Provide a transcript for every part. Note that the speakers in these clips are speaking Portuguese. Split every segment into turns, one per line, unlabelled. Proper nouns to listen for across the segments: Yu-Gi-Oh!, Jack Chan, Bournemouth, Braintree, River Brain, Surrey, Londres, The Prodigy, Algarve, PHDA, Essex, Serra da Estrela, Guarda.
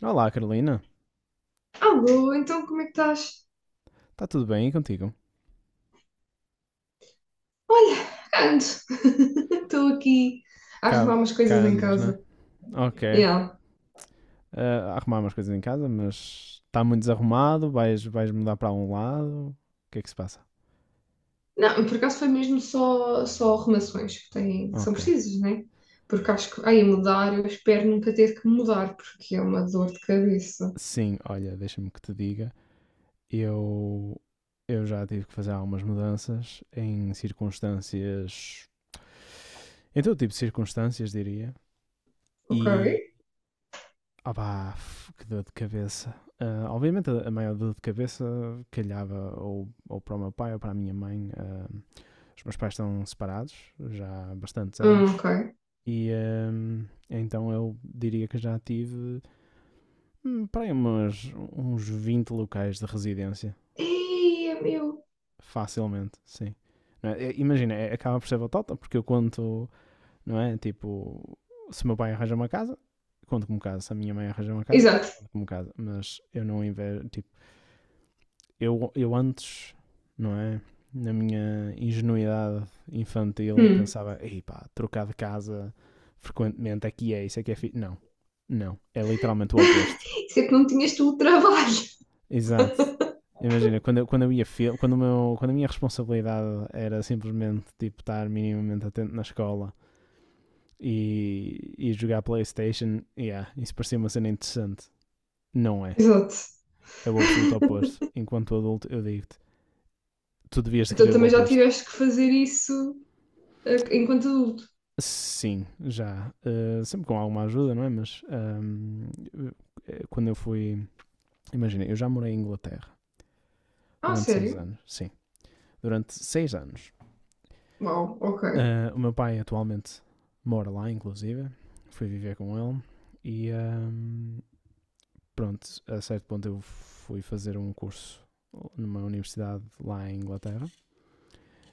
Olá, Carolina.
Alô, então como é que estás?
Está tudo bem e contigo?
Olha, ando. Estou aqui a
Cá,
arrumar umas
cá
coisas em
andas, né?
casa.
Ok.
Yeah.
Ah, a arrumar umas coisas em casa, mas está muito desarrumado. Vais mudar para um lado. O que é que se passa?
Não, por acaso foi mesmo só arrumações que são
Ok.
precisas, né? Porque acho que, ai, mudar, eu espero nunca ter que mudar, porque é uma dor de cabeça.
Sim, olha, deixa-me que te diga. Eu, eu já tive que fazer algumas mudanças em circunstâncias. Em todo tipo de circunstâncias, diria.
Ok?
E. Opá, que dor de cabeça. Ah, obviamente, a maior dor de cabeça calhava ou para o meu pai ou para a minha mãe. Os meus pais estão separados já há bastantes anos
Ok.
e então eu diria que já tive para aí uns 20 locais de residência,
Ei, é meu.
facilmente, sim. Não é? É, imagina, acaba por ser batota, porque eu conto, não é? Tipo, se o meu pai arranja uma casa, conto como casa, se a minha mãe arranja uma casa,
Exato.
conto como casa, mas eu não invejo, tipo, eu antes, não é? Na minha ingenuidade infantil,
Hum.
pensava, ei pá, trocar de casa frequentemente aqui é isso, Não, não. É literalmente o oposto.
Isso é que não tinhas tu o trabalho.
Exato. Imagina, quando eu ia fil- quando a minha responsabilidade era simplesmente tipo, estar minimamente atento na escola e jogar Playstation, yeah, isso parecia uma cena interessante. Não é.
Exato.
É o absoluto oposto. Enquanto adulto, eu digo-te, tu devias de
Então
querer o
também já
oposto.
tiveste que fazer isso, enquanto adulto.
Sim, já. Sempre com alguma ajuda, não é? Mas quando eu fui. Imagina, eu já morei em Inglaterra
Ah,
durante seis
sério?
anos. Sim, durante 6 anos.
Uau, ok,
Ah, o meu pai atualmente mora lá, inclusive. Fui viver com ele. E pronto, a certo ponto eu fui fazer um curso numa universidade lá em Inglaterra.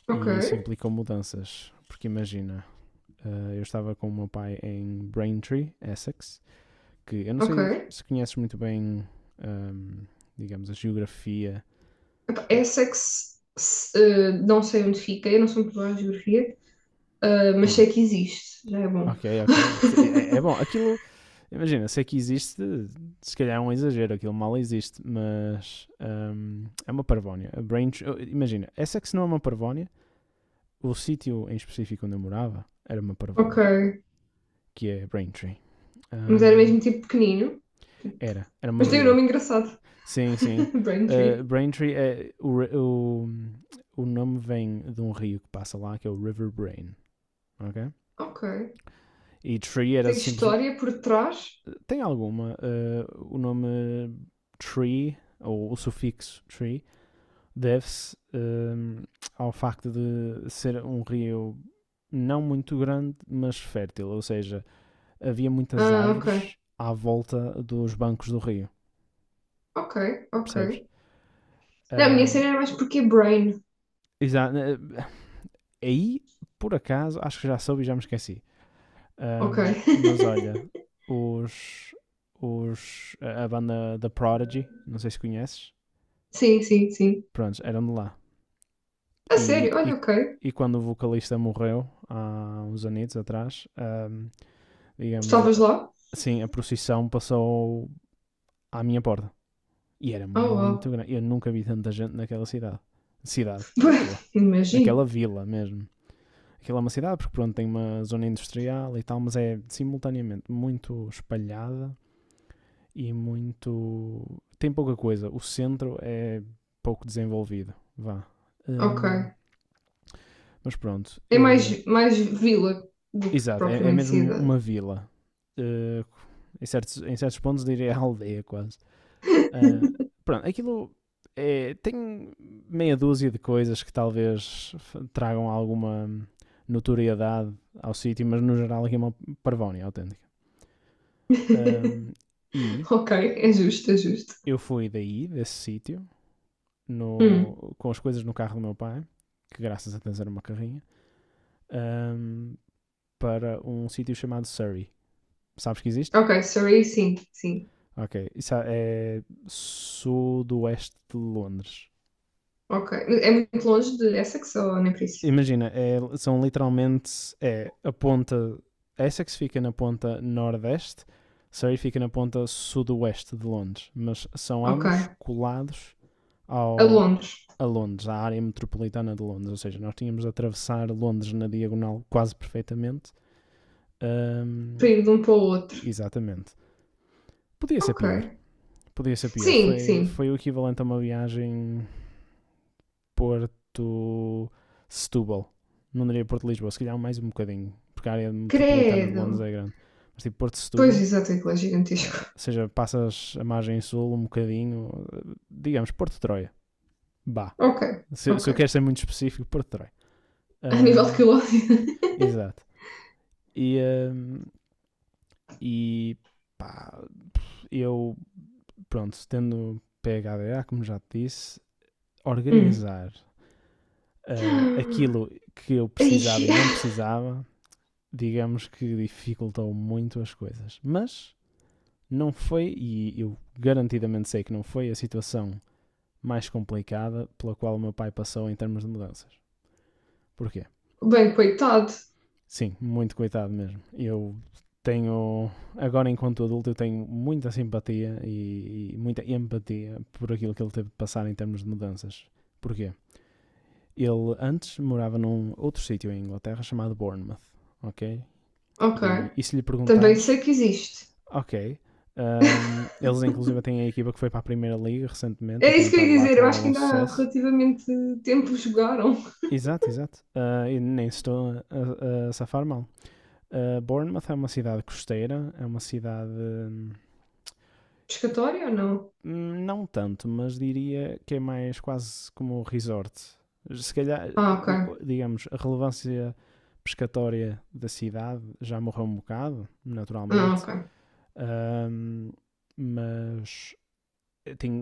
ok,
E isso implicou mudanças. Porque imagina, ah, eu estava com o meu pai em Braintree, Essex, que eu não sei
ok.
se conheces muito bem, hum, digamos, a geografia.
Epá, Essa é que se, eh, não sei onde fica, eu não sou muito boa em geografia, mas
Hum,
sei que existe, já é bom.
ok, ok. É, é bom. Aquilo, imagina, sei que existe, se calhar é um exagero, aquilo mal existe, mas é uma parvónia. A Braintree, oh, imagina, essa é que se não é uma parvónia, o sítio em específico onde eu morava era uma
Ok,
parvónia, que é Braintree.
mas era
Hum,
mesmo tipo pequenino, tipo-
era uma
mas tem um
vila.
nome engraçado,
Sim, sim.
Braintree.
Braintree é o nome vem de um rio que passa lá, que é o River Brain. Ok?
Ok,
E Tree era
tem
simplesmente.
história por trás?
Tem alguma? O nome Tree, ou o sufixo Tree, deve-se ao facto de ser um rio não muito grande, mas fértil. Ou seja, havia muitas
Ah, ok,
árvores à volta dos bancos do rio,
ok, ok.
percebes?
Não, a minha
Ah,
cena era mais porque é Brain,
exa- eh, aí, por acaso, acho que já soube e já me esqueci.
ok.
Mas olha, os, a banda The Prodigy, não sei se conheces,
Sim, sim, sim.
pronto, eram de lá.
A
E,
sério,
e,
olha, ok.
e quando o vocalista morreu, há uns anos atrás, digamos,
Estavas lá?
assim, a procissão passou à minha porta. E era
Oh,
muito
uau.
grande. Eu nunca vi tanta gente naquela cidade. Cidade,
Pois,
vila.
imagino.
Naquela vila mesmo. Aquilo é uma cidade porque, pronto, tem uma zona industrial e tal, mas é simultaneamente muito espalhada e muito. Tem pouca coisa. O centro é pouco desenvolvido. Vá.
Ok.
Hum, mas pronto.
É mais vila do que
Exato, é, é
propriamente
mesmo
cidade.
uma vila. Eh, em certos pontos diria aldeia quase. Ah, pronto, aquilo é, tem meia dúzia de coisas que talvez tragam alguma notoriedade ao sítio, mas no geral aqui é uma parvónia autêntica. Ahm, e
Ok, é justo, é justo.
eu fui daí, desse sítio,
Hum.
com as coisas no carro do meu pai, que graças a Deus era uma carrinha, ahm, para um sítio chamado Surrey. Sabes que existe?
Ok, Surrey, sim, sim.
Ok. Isso é sudoeste de Londres.
Ok. É muito longe de Essex ou nem por isso?
Imagina, são literalmente a ponta. Essex fica na ponta nordeste, Surrey fica na ponta sudoeste de Londres, mas são
Ok.
ambos
A
colados ao,
Londres,
a Londres, à área metropolitana de Londres. Ou seja, nós tínhamos de atravessar Londres na diagonal quase perfeitamente.
para
Hum,
ir de um para o outro.
exatamente. Podia ser
Ok.
pior. Podia ser pior.
Sim,
Foi,
sim.
foi o equivalente a uma viagem Porto-Setúbal. Não diria Porto-Lisboa, se calhar mais um bocadinho. Porque a área metropolitana de Londres
Credo.
é grande. Mas tipo
Pois,
Porto-Setúbal,
exato, aquilo é gigantesco.
ou seja, passas a margem sul um bocadinho, digamos Porto-Troia. Bah.
Ok,
Se,
ok.
se eu quero ser muito específico, Porto-Troia.
A nível de
Hum,
quilómetros.
Exato. E, hum, e pá, eu, pronto, tendo PHDA, como já te disse,
Hum.
organizar aquilo que eu
Ai.
precisava e não precisava, digamos que dificultou muito as coisas. Mas não foi, e eu garantidamente sei que não foi, a situação mais complicada pela qual o meu pai passou em termos de mudanças. Porquê?
Bem, coitado.
Sim, muito coitado mesmo. Eu tenho, agora enquanto adulto, eu tenho muita simpatia e muita empatia por aquilo que ele teve de passar em termos de mudanças. Porquê? Ele antes morava num outro sítio em Inglaterra chamado Bournemouth, ok?
Ok.
E se lhe
Também sei
perguntares,
que existe.
ok, um, eles inclusive têm a equipa que foi para a Primeira Liga recentemente e
É
têm
isso que eu
estado
ia
lá
dizer,
com
eu acho que
algum
ainda há
sucesso.
relativamente tempo jogaram.
Exato, exato. E nem estou a safar mal. Bournemouth é uma cidade costeira, é uma cidade.
Pescatória ou não?
Não tanto, mas diria que é mais quase como um resort. Se calhar,
Ah, ok.
digamos, a relevância pescatória da cidade já morreu um bocado,
Ah,
naturalmente.
ok.
Hum, mas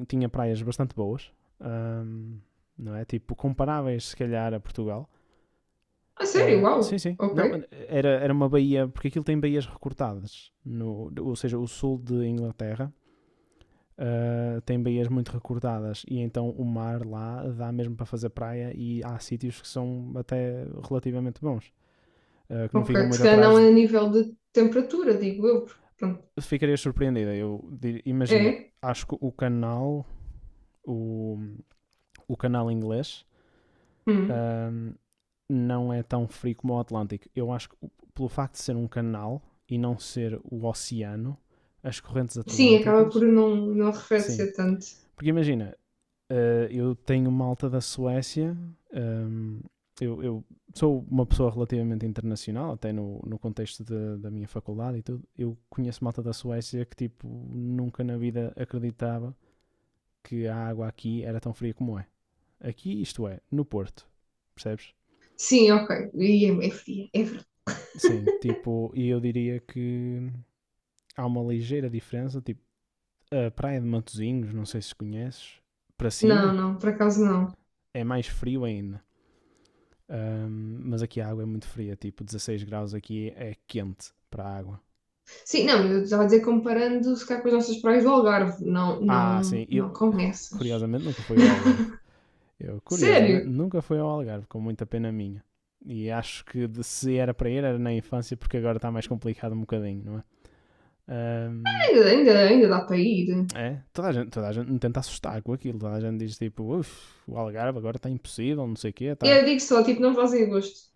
tinha praias bastante boas, hum, não é? Tipo, comparáveis, se calhar, a Portugal.
Ah, sério?
Ah, sim,
Uau!
sim.
Ok,
Não, era uma baía, porque aquilo tem baías recortadas. No, ou seja, o sul de Inglaterra tem baías muito recortadas e então o mar lá dá mesmo para fazer praia e há sítios que são até relativamente bons, que não ficam
ok. Se
muito
calhar não
atrás.
é
De...
a nível de temperatura, digo eu, porque, pronto.
Ficaria surpreendida. Imagina,
É?
acho que o canal, o, o canal inglês,
Hum.
ah, não é tão frio como o Atlântico. Eu acho que pelo facto de ser um canal e não ser o oceano, as correntes
Sim, acaba por
atlânticas,
não
sim.
arrefecer tanto.
Porque imagina, eu tenho malta da Suécia, ehm, eu sou uma pessoa relativamente internacional, até no contexto da minha faculdade e tudo. Eu conheço malta da Suécia que, tipo, nunca na vida acreditava que a água aqui era tão fria como é. Aqui, isto é, no Porto, percebes?
Sim, ok. E é fria, é verdade.
Sim, tipo, e eu diria que há uma ligeira diferença, tipo, a praia de Matozinhos, não sei se conheces, para
Não,
cima
não, por acaso não.
é mais frio ainda. Mas aqui a água é muito fria, tipo 16 graus aqui é quente para a água.
Sim, não, eu estava a dizer comparando se calhar com as nossas praias do Algarve. Não,
Ah, sim,
não, não
eu
com essas.
curiosamente nunca fui ao Algarve. Eu curiosamente
Sério?
nunca fui ao Algarve, com muita pena minha. E acho que se era para ir era na infância, porque agora está mais complicado um bocadinho, não é? Ahm,
Ainda dá para ir.
é, toda a gente me tenta assustar com aquilo. Toda a gente diz tipo, uff, o Algarve agora está impossível, não sei o quê, está.
Eu digo só, tipo, não faz em agosto.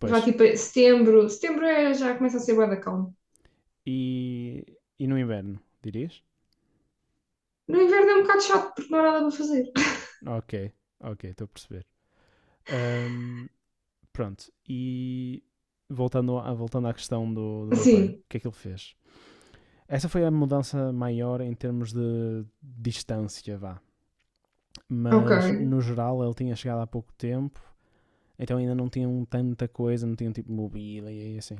Pois.
Vá tipo a setembro. Setembro é, já começa a ser bué da calma.
E, e no inverno, dirias?
No inverno é um bocado chato porque não há nada para fazer.
Ok, ok, estou a perceber. Ahm, pronto, e voltando, voltando à questão do meu pai, o
Sim,
que é que ele fez? Essa foi a mudança maior em termos de distância, vá. Mas
ok.
no geral ele tinha chegado há pouco tempo, então ainda não tinham tanta coisa, não tinham tipo mobília e assim.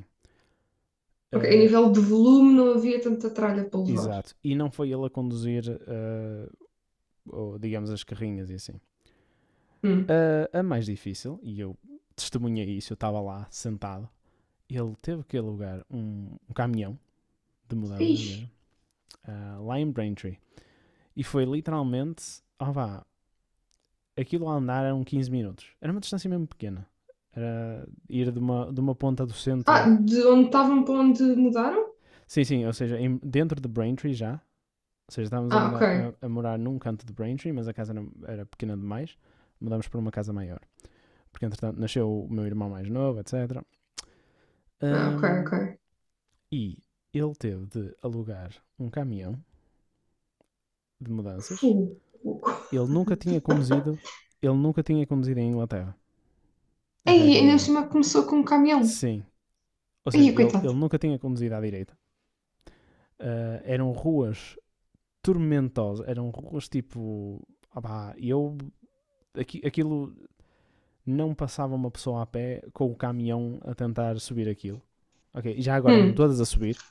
Ok, a
Ah,
nível de volume não havia tanta tralha para levar.
exato. E não foi ele a conduzir, ou, digamos, as carrinhas e assim.
Hum.
A mais difícil, e eu testemunhei isso, eu estava lá sentado, ele teve que alugar um caminhão de mudanças
Ixi.
mesmo, lá em Braintree. E foi literalmente, ó vá, aquilo a andar eram 15 minutos. Era uma distância mesmo pequena. Era ir de uma ponta do
Ah,
centro.
de onde estavam para onde mudaram?
Sim, sim, ou seja, dentro de Braintree já. Ou seja, estávamos a,
Ah,
mudar,
ok.
a morar num canto de Braintree, mas a casa era pequena demais. Mudámos para uma casa maior. Porque, entretanto, nasceu o meu irmão mais novo, etc.
Ah, ok,
Ahm,
ok.
e ele teve de alugar um caminhão de mudanças.
Fu.
Ele nunca tinha conduzido, ele nunca tinha conduzido em Inglaterra
Aí,
até aquele
ainda por
momento.
cima começou com um caminhão.
Sim, ou seja,
Aí,
ele,
coitado.
ele nunca tinha conduzido à direita. Ah, eram ruas tormentosas, eram ruas tipo. Ah, pá, eu. Aquilo não passava uma pessoa a pé com o caminhão a tentar subir aquilo. Ok, já agora eram
Hum.
todas a subir,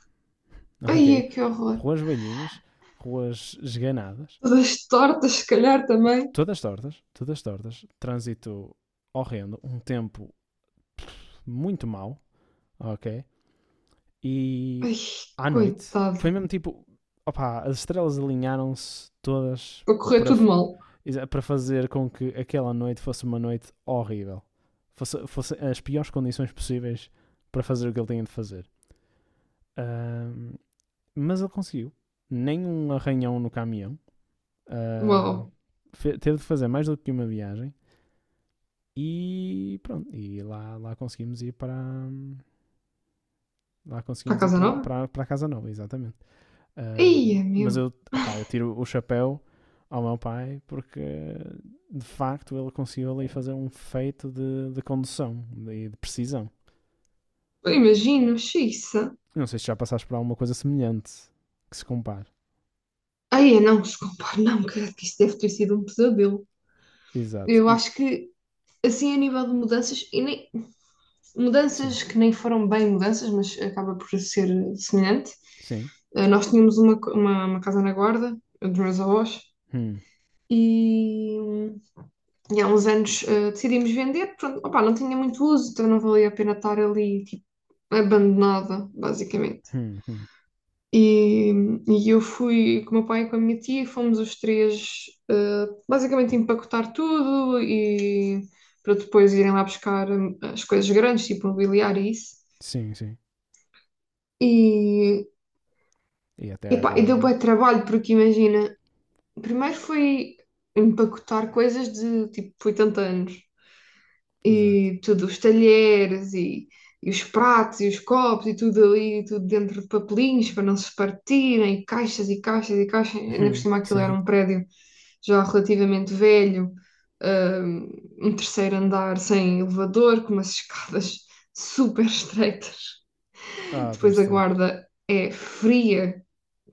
ok?
Aí, que horror.
Ruas velhinhas, ruas esganadas,
Todas tortas, se calhar também.
todas tortas, trânsito horrendo, um tempo muito mau, ok? E
Ai,
à noite, foi
coitado.
mesmo tipo, opá, as estrelas alinharam-se todas
Para correr
para,
tudo mal.
para fazer com que aquela noite fosse uma noite horrível. Fosse, fosse as piores condições possíveis para fazer o que ele tinha de fazer. Ahm, mas ele conseguiu. Nem um arranhão no caminhão. Ah,
Uau.
teve de fazer mais do que uma viagem. E pronto, lá conseguimos ir para. Lá
Para
conseguimos ir
Casa
para,
Nova?
para a Casa Nova, exatamente. Um,
Ia,
mas
meu.
eu, opá, eu tiro o chapéu ao meu pai porque de facto ele conseguiu ali fazer um feito de condução de precisão.
Eu imagino, xiça.
Não sei se já passaste por alguma coisa semelhante que se compare.
Aí, não, desculpa, não, credo que isso deve ter sido um pesadelo.
Exato.
Eu acho que, assim, a nível de mudanças, e nem,
Sim,
mudanças que nem foram bem mudanças, mas acaba por ser semelhante.
sim.
Nós tínhamos uma casa na Guarda, dos meus avós,
Hum,
e, hum, e há uns anos decidimos vender. Pronto, opá, não tinha muito uso, então não valia a pena estar ali, tipo, abandonada, basicamente.
hum, hum.
E, e eu fui com o meu pai e com a minha tia, e fomos os três basicamente empacotar tudo e para depois irem lá buscar as coisas grandes, tipo mobiliário e isso.
Sim, sim.
E,
E até à
epá, e deu
guarda.
bué trabalho, porque imagina, primeiro foi empacotar coisas de tipo 80 anos.
Exato.
E tudo, os talheres e os pratos e os copos e tudo ali, tudo dentro de papelinhos para não se partirem, e caixas e caixas e caixas. Ainda por cima aquilo era
Sim.
um prédio já relativamente velho, hum, um terceiro andar sem elevador, com umas escadas super estreitas.
Ah,
Depois
Deus do
a
céu.
Guarda é fria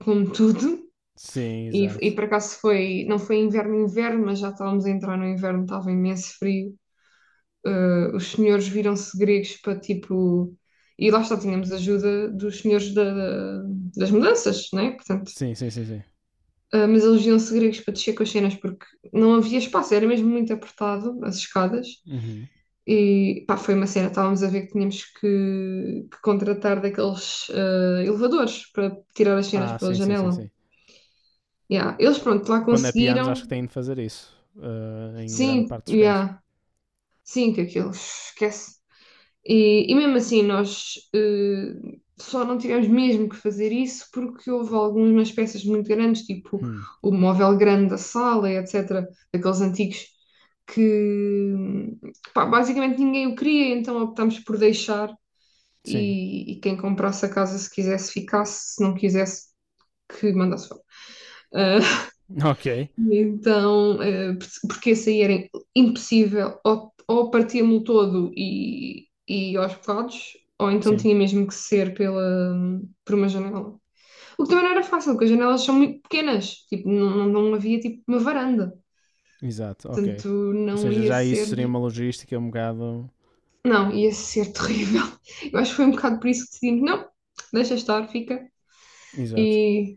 como tudo.
Sim,
E
exato.
por acaso foi, não foi inverno, inverno, mas já estávamos a entrar no inverno, estava imenso frio os senhores viram-se gregos para tipo. E lá está, tínhamos ajuda dos senhores das mudanças, né? Portanto,
Sim, sim, sim, sim.
mas eles viram-se gregos para descer com as cenas porque não havia espaço, era mesmo muito apertado as escadas.
Uhum.
E pá, foi uma cena, estávamos a ver que tínhamos que contratar daqueles elevadores para tirar as cenas
Ah,
pela
sim, sim, sim,
janela.
sim.
Yeah. Eles,
Qu-
pronto, lá
Quando é pianos, acho que
conseguiram.
têm de fazer isso. Em grande
Sim,
parte dos casos.
yeah. Sim, que aquilo esquece. E mesmo assim, nós só não tivemos mesmo que fazer isso porque houve algumas peças muito grandes, tipo
Hum,
o móvel grande da sala, etc., daqueles antigos, que pá, basicamente ninguém o queria, então optámos por deixar
Sim.
e quem comprasse a casa, se quisesse, ficasse, se não quisesse, que mandasse fora. Ah,
Ok.
e então, porque esse aí era impossível, ou partia-me o todo e aos bocados, ou então
Sim.
tinha mesmo que ser por uma janela. O que também não era fácil, porque as janelas são muito pequenas, tipo, não, não, não havia tipo uma varanda,
Exato. Ok.
portanto
Ou
não
seja,
ia
já isso seria
ser,
uma logística um bocado.
não, ia ser terrível. Eu acho que foi um bocado por isso que decidimos, não, deixa estar, fica,
Exato.
e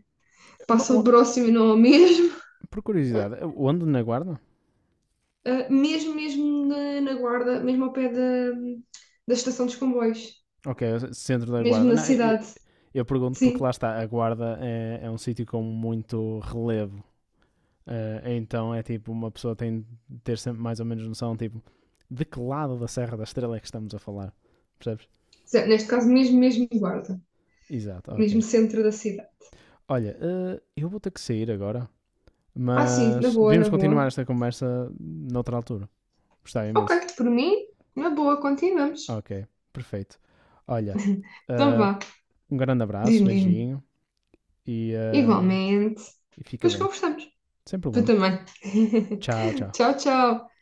Uma-
passa o
uma-
próximo e não ao mesmo.
por curiosidade, onde na guarda?
Mesmo, mesmo na Guarda, mesmo ao pé da estação dos comboios,
Ok, centro da
mesmo
guarda.
na
Não, eu,
cidade,
eu pergunto porque
sim.
lá está, a guarda é um sítio com muito relevo. Então é tipo, uma pessoa tem de ter sempre mais ou menos noção, tipo, de que lado da Serra da Estrela é que estamos a falar. Percebes?
Neste caso, mesmo, mesmo Guarda,
Exato,
mesmo
ok.
centro da cidade.
Olha, eu vou ter que sair agora,
Ah, sim, na
mas
boa,
devíamos
na
continuar
boa.
esta conversa noutra altura. Gostava
Ok,
imenso.
por mim, na boa, continuamos.
Ok, perfeito. Olha,
Então
eh,
vá,
um grande abraço,
diz-me, diz-me.
beijinho e, eh,
Igualmente.
e fica
Depois
bem.
conversamos.
Sem
Tu
problema.
também.
Tchau, tchau.
Tchau, tchau.